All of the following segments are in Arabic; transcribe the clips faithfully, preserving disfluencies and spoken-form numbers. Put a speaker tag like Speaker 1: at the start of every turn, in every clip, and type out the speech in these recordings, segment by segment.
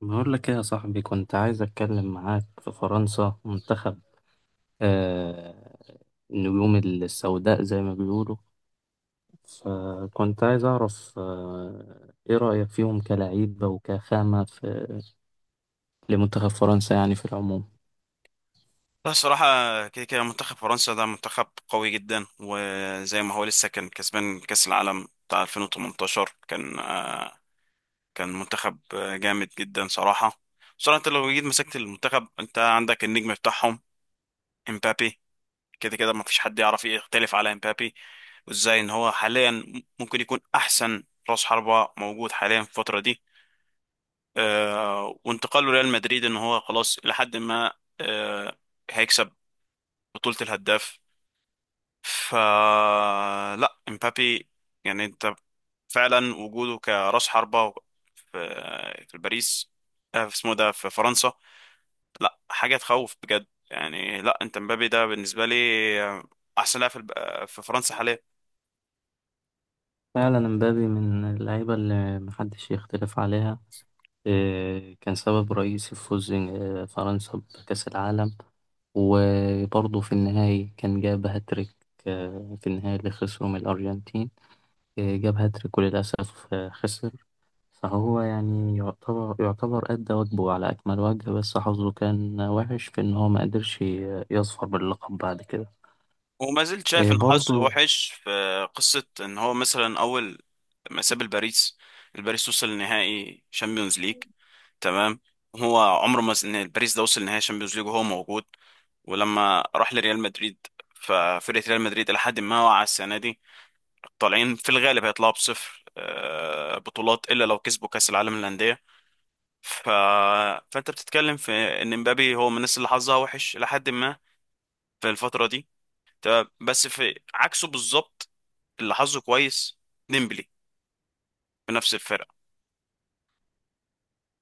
Speaker 1: بقول لك ايه يا صاحبي، كنت عايز اتكلم معاك في فرنسا منتخب آه النجوم السوداء زي ما بيقولوا. فكنت عايز اعرف آه ايه رأيك فيهم كلعيبة وكخامة في لمنتخب فرنسا يعني في العموم.
Speaker 2: لا، الصراحة كده كده منتخب فرنسا ده منتخب قوي جدا، وزي ما هو لسه كان كسبان كأس العالم بتاع ألفين وتمنتاشر. كان آه، كان منتخب آه، جامد جدا صراحة. صراحة انت لو جيت مسكت المنتخب، انت عندك النجم بتاعهم، امبابي. كده كده ما فيش حد يعرف يختلف على امبابي، وازاي ان هو حاليا ممكن يكون احسن راس حربة موجود حاليا في الفترة دي. آه، وانتقاله ريال مدريد، ان هو خلاص لحد ما آه، هيكسب بطولة الهداف. ف لا، امبابي يعني انت فعلا وجوده كراس حربة في في باريس، آه، في اسمه ده في فرنسا، لا حاجة تخوف بجد. يعني لا، انت امبابي ده بالنسبة لي آه، احسن لاعب في الب- آه، في فرنسا حاليا.
Speaker 1: فعلا مبابي من اللعيبة اللي محدش يختلف عليها. آه كان سبب رئيسي في فوز آه، فرنسا بكأس العالم. وبرضه في النهاية كان جاب هاتريك، آه، في النهاية اللي خسروا من الأرجنتين. جاب هاتريك وللأسف خسر. فهو يعني يعتبر يعتبر أدى واجبه على أكمل وجه، بس حظه كان وحش في إن هو ما قدرش يظفر باللقب بعد كده.
Speaker 2: وما زلت شايف
Speaker 1: إيه
Speaker 2: ان حظه
Speaker 1: برضه.
Speaker 2: وحش في قصة ان هو مثلا اول ما ساب الباريس، الباريس وصل لنهائي شامبيونز ليج. تمام. هو عمره ما س- ان الباريس ده وصل لنهائي شامبيونز ليج وهو موجود. ولما راح لريال مدريد، ففرقة ريال مدريد إلى حد ما واقعة السنة دي، طالعين في الغالب، هيطلعوا بصفر آه، بطولات إلا لو كسبوا كأس العالم للأندية. ف... فأنت بتتكلم في إن مبابي هو من الناس اللي حظها وحش إلى حد ما في الفترة دي. تمام. بس في عكسه بالظبط، اللي حظه كويس، ديمبلي، في نفس الفرقة.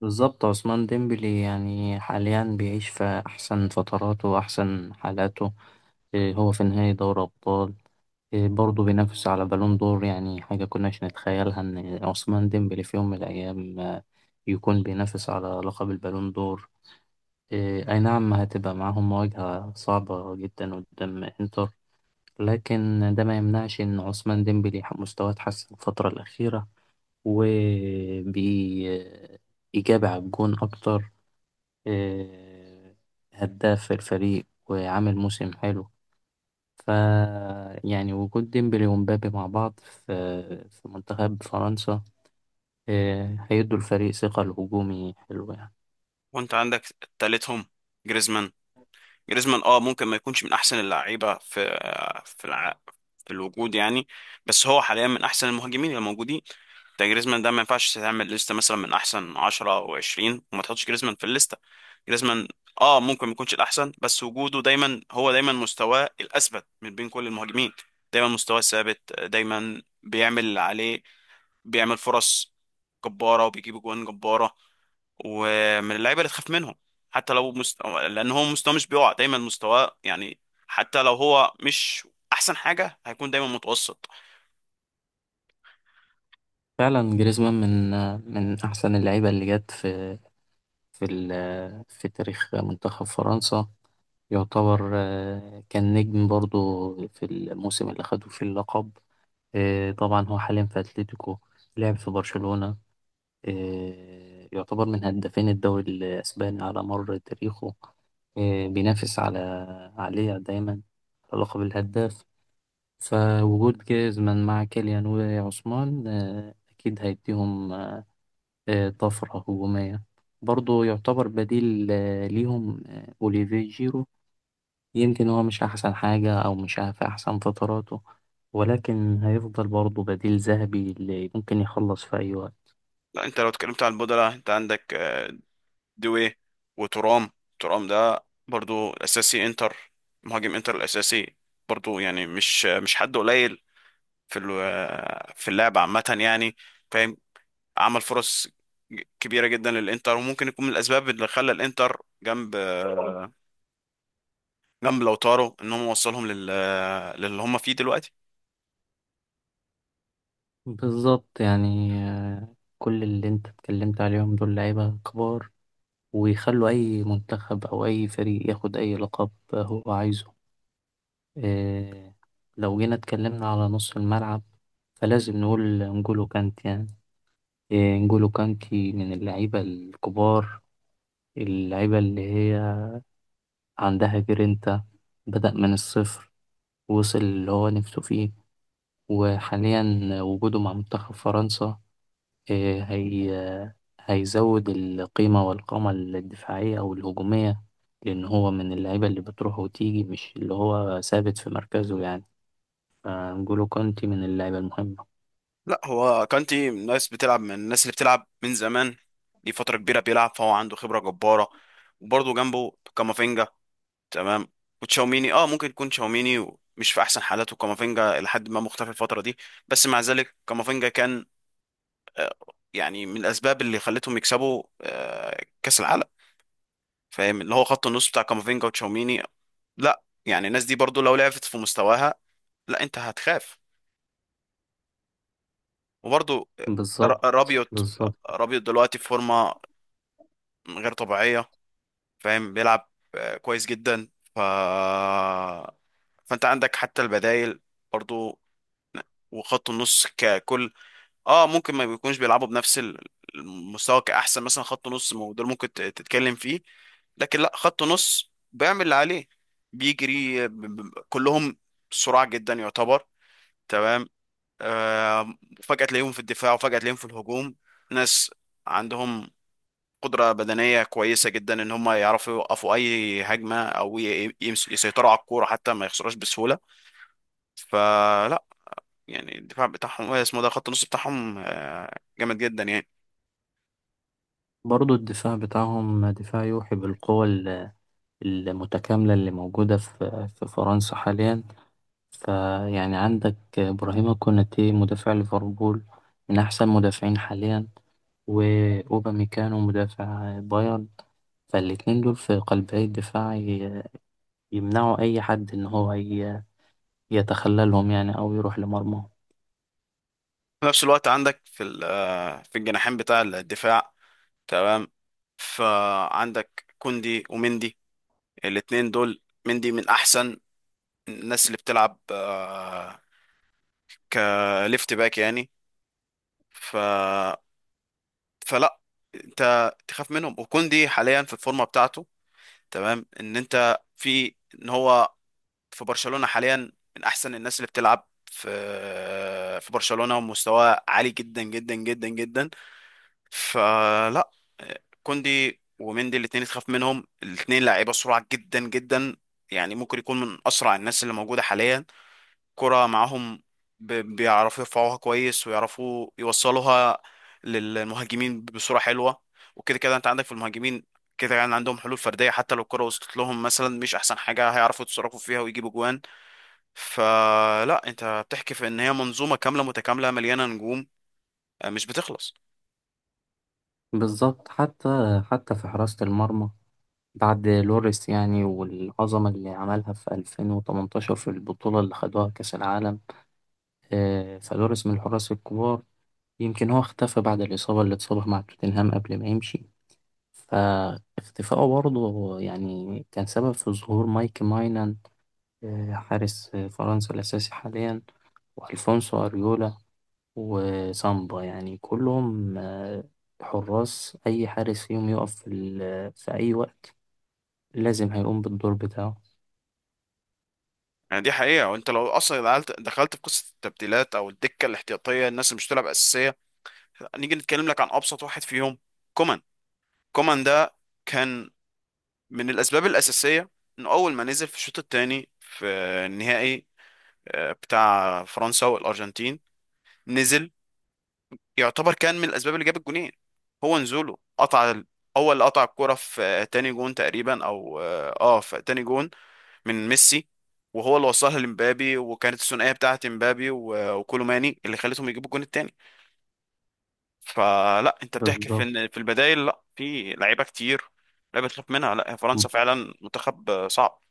Speaker 1: بالظبط، عثمان ديمبلي يعني حاليا بيعيش في أحسن فتراته وأحسن حالاته. إيه، هو في نهاية دوري أبطال، إيه برضه بينافس على بالون دور، يعني حاجة كناش نتخيلها إن عثمان ديمبلي في يوم من الأيام آه، يكون بينافس على لقب البالون دور. إيه، أي نعم، هتبقى معاهم مواجهة صعبة جدا قدام إنتر، لكن ده ما يمنعش إن عثمان ديمبلي مستواه اتحسن الفترة الأخيرة وبإجابة على الجون أكتر. إيه، هداف الفريق وعامل موسم حلو. ف يعني وجود ديمبلي ومبابي مع بعض في في منتخب فرنسا، إيه، هيدوا الفريق ثقة الهجومي حلوة يعني.
Speaker 2: وأنت عندك تالتهم، جريزمان. جريزمان اه ممكن ما يكونش من أحسن اللعيبة في، آه، في الع... في الوجود يعني. بس هو حاليا من احسن المهاجمين الموجودين. ده جريزمان ده ما ينفعش تعمل لستة مثلا من احسن عشرة او عشرين وما تحطش جريزمان في الليستة. جريزمان اه ممكن ما يكونش الاحسن، بس وجوده دايما، هو دايما مستواه الاثبت من بين كل المهاجمين. دايما مستواه ثابت، دايما بيعمل اللي عليه، بيعمل فرص جبارة وبيجيب جوان جبارة. ومن اللعيبة اللي تخاف منهم، حتى لو مست... لان هو مستواه مش بيقع، دايما مستواه يعني. حتى لو هو مش احسن حاجة، هيكون دايما متوسط.
Speaker 1: فعلا جريزمان من من أحسن اللعيبة اللي جت في في ال- في تاريخ منتخب فرنسا. يعتبر آه، كان نجم برضو في الموسم اللي خدوا فيه اللقب. آه، طبعا هو حاليا في أتلتيكو، لعب في برشلونة، آه، يعتبر من هدافين الدوري الأسباني على مر تاريخه. آه، بينافس على عليه دايما على لقب الهداف. فوجود جيزمان مع كيليان وعثمان آه، أكيد هيديهم آه، طفرة هجومية. برضه يعتبر بديل آه، ليهم آه، أوليفيه جيرو. يمكن هو مش أحسن حاجة أو مش في أحسن فتراته، ولكن هيفضل برضه بديل ذهبي اللي ممكن يخلص في أي وقت.
Speaker 2: لا، انت لو اتكلمت عن البودلة، انت عندك آه، دوي وترام. ترام ده برضو الاساسي انتر، مهاجم انتر الاساسي. برضو يعني مش مش حد قليل في ال- في اللعب عامه يعني، فاهم. عمل فرص ج- كبيره جدا للانتر، وممكن يكون من الاسباب اللي خلى الانتر جنب جنب لوتارو، ان هم وصلهم لل للي هم فيه دلوقتي.
Speaker 1: بالظبط، يعني آه، كل اللي أنت اتكلمت عليهم دول لعيبة كبار، ويخلوا أي منتخب أو أي فريق ياخد أي لقب هو عايزه. آه، لو جينا اتكلمنا على نص الملعب، فلازم نقول نجولو كانت، يعني إيه، انجولو كانتي من اللعيبة الكبار، اللعيبة اللي هي عندها جرينتا. بدأ من الصفر، وصل اللي هو نفسه فيه. وحاليا وجوده مع منتخب فرنسا، إيه، هي هيزود القيمة والقامة الدفاعية أو الهجومية، لأن هو من اللعيبة اللي بتروح وتيجي مش اللي هو ثابت في مركزه يعني. فانجولو كانتي من اللعيبة المهمة.
Speaker 2: لا، هو كانتي من الناس بتلعب من الناس اللي بتلعب من زمان. دي فتره كبيره بيلعب، فهو عنده خبره جباره. وبرضه جنبه كامافينجا. تمام. وتشاوميني اه ممكن يكون تشاوميني مش في احسن حالاته، وكامافينجا لحد ما مختفي الفتره دي. بس مع ذلك كامافينجا كان آه، يعني من الاسباب اللي خلتهم يكسبوا آه، كاس العالم، فاهم، اللي هو خط النص بتاع كامافينجا وتشاوميني. لا يعني، الناس دي برضو لو لعبت في مستواها، لا انت هتخاف. وبرضو ر-
Speaker 1: بالظبط.
Speaker 2: رابيوت.
Speaker 1: بالظبط.
Speaker 2: رابيوت دلوقتي في فورمه غير طبيعيه، فاهم، بيلعب آه، كويس جدا. ف فانت عندك حتى البدائل برضو. وخط النص ككل اه ممكن ما بيكونوش بيلعبوا بنفس ال- المستوى كأحسن مثلا خط نص، ما هو ده اللي ممكن ت- تتكلم فيه. لكن لا، خط نص بيعمل اللي عليه، بيجري ب- ب- كلهم سرعة جدا يعتبر. تمام. آه فجأة تلاقيهم في الدفاع، وفجأة تلاقيهم في الهجوم. ناس عندهم قدرة بدنية كويسة جدا، ان هم يعرفوا يوقفوا اي هجمة، او ي- يمس- يسيطروا على الكورة حتى ما يخسروش بسهولة. فلا يعني، الدفاع بتاعهم آه، اسمه ده، خط النص بتاعهم آه، جامد جدا يعني.
Speaker 1: برضه الدفاع بتاعهم دفاع يوحي بالقوة المتكاملة اللي موجودة في في فرنسا حاليا. فيعني عندك إبراهيم كوناتي مدافع ليفربول، من أحسن مدافعين حاليا، وأوباميكانو مدافع بايرن، فالاتنين دول في قلبي الدفاع ي- يمنعوا أي حد إن هو ي- يتخللهم يعني أو يروح لمرمى.
Speaker 2: في نفس الوقت عندك في ال- آه، في الجناحين بتاع الدفاع. تمام. فعندك كوندي ومندي، الاتنين دول. مندي من احسن الناس اللي بتلعب آه، كليفت باك يعني. ف فلا انت تخاف منهم. وكوندي حاليا في الفورمه بتاعته، تمام، ان انت في ان هو في برشلونة حاليا، من احسن الناس اللي بتلعب في في برشلونة، ومستواه عالي جدا جدا جدا جدا. فلا، كوندي ومندي الاثنين تخاف منهم، الاثنين لعيبة سرعة جدا جدا. يعني ممكن يكون من اسرع الناس اللي موجودة حاليا. كرة معاهم ب- بيعرفوا يرفعوها كويس، ويعرفوا يوصلوها للمهاجمين بصورة حلوة. وكده كده انت عندك في المهاجمين كده، يعني عندهم حلول فردية. حتى لو الكرة وصلت لهم مثلا مش احسن حاجة، هيعرفوا يتصرفوا فيها ويجيبوا جوان. فلا، انت بتحكي في ان هي منظومه كامله متكامله مليانه نجوم آه، مش بتخلص.
Speaker 1: بالظبط، حتى حتى في حراسة المرمى بعد لوريس، يعني والعظمة اللي عملها في ألفين وتمنتاشر في البطولة اللي خدوها كأس العالم. آه، فلوريس من الحراس الكبار. يمكن هو اختفى بعد الإصابة اللي اتصابها مع توتنهام قبل ما يمشي، فاختفائه برضه يعني كان سبب في ظهور مايك ماينان، آه، حارس آه، فرنسا الأساسي حاليا. وألفونسو أريولا وسامبا، يعني كلهم آه، حراس، أي حارس فيهم يقف في, ال- في أي وقت لازم هيقوم بالدور بتاعه.
Speaker 2: يعني دي حقيقه. وانت لو اصلا دخلت دخلت في قصه التبديلات او الدكه الاحتياطيه، الناس اللي مش بتلعب اساسيه، نيجي نتكلم لك عن ابسط واحد فيهم، كومان. كومان ده كان من الاسباب الاساسيه انه اول ما نزل في الشوط الثاني في النهائي آه، بتاع فرنسا والارجنتين. نزل، يعتبر كان من الاسباب اللي جاب الجونين. هو نزوله قطع ال- هو اللي قطع الكرة في آه، تاني جون تقريبا، او اه آه، في تاني جون من ميسي، وهو اللي وصلها لمبابي. وكانت الثنائية بتاعت مبابي و- وكولوماني اللي خلتهم يجيبوا الجون التاني. فلا، انت بتحكي في
Speaker 1: بالظبط.
Speaker 2: ان في البدايل، لا، في لعيبة كتير، لعيبة تخاف منها. لا، هي فرنسا فعلا منتخب آه، صعب.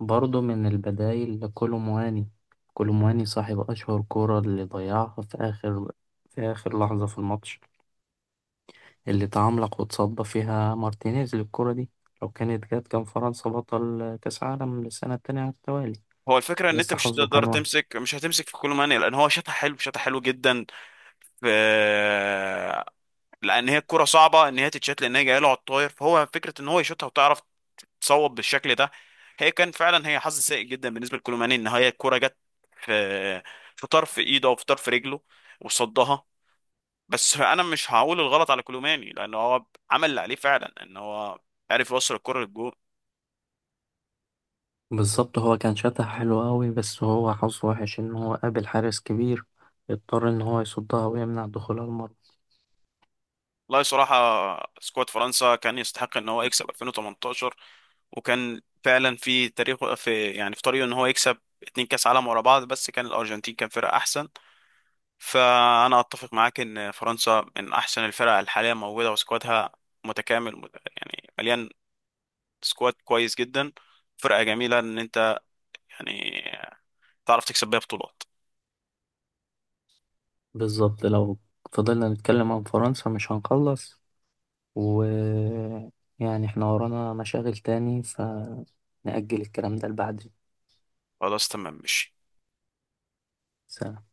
Speaker 1: برضه من البدايل لكولومواني، كولومواني صاحب أشهر كورة اللي ضيعها في آخر في آخر لحظة في الماتش، اللي تعملق وتصدى فيها مارتينيز للكرة دي، لو كانت جت كان فرنسا بطل كأس عالم للسنة التانية على التوالي.
Speaker 2: هو الفكرة ان انت
Speaker 1: بس
Speaker 2: مش
Speaker 1: حظه
Speaker 2: هتقدر
Speaker 1: كان وحش.
Speaker 2: تمسك مش هتمسك في كولوماني، لان هو شاطح حلو، شاطح حلو جدا. في، لان هي الكرة صعبة ان هي تتشات، لان هي جايه له على الطاير، فهو فكرة ان هو يشوطها وتعرف تصوب بالشكل ده. هي كان فعلا هي حظ سيء جدا بالنسبة لكولوماني، ان هي الكرة جت في في طرف ايده او في طرف رجله، وصدها. بس انا مش هقول الغلط على كولوماني، لان هو عمل اللي عليه فعلا، ان هو عرف يوصل الكرة للجول.
Speaker 1: بالظبط، هو كان شاتها حلو قوي، بس هو حظه وحش إن هو قابل حارس كبير، اضطر إن هو يصدها ويمنع دخولها المرمى.
Speaker 2: والله صراحة سكواد فرنسا كان يستحق ان هو يكسب ألفين وتمنتاشر. وكان فعلا في تاريخه، في يعني في طريقه، ان هو يكسب اتنين كاس عالم ورا بعض، بس كان الارجنتين كان فرقة احسن. فأنا أتفق معاك إن فرنسا من أحسن الفرق الحالية موجودة، وسكوادها متكامل مت- يعني مليان، سكواد كويس جدا، فرقة جميلة، إن أنت يعني تعرف تكسب بيها بطولات.
Speaker 1: بالظبط، لو فضلنا نتكلم عن فرنسا مش هنخلص، و يعني احنا ورانا مشاغل تاني، فنأجل الكلام ده لبعد
Speaker 2: خلاص، تمام، ماشي.
Speaker 1: سنة.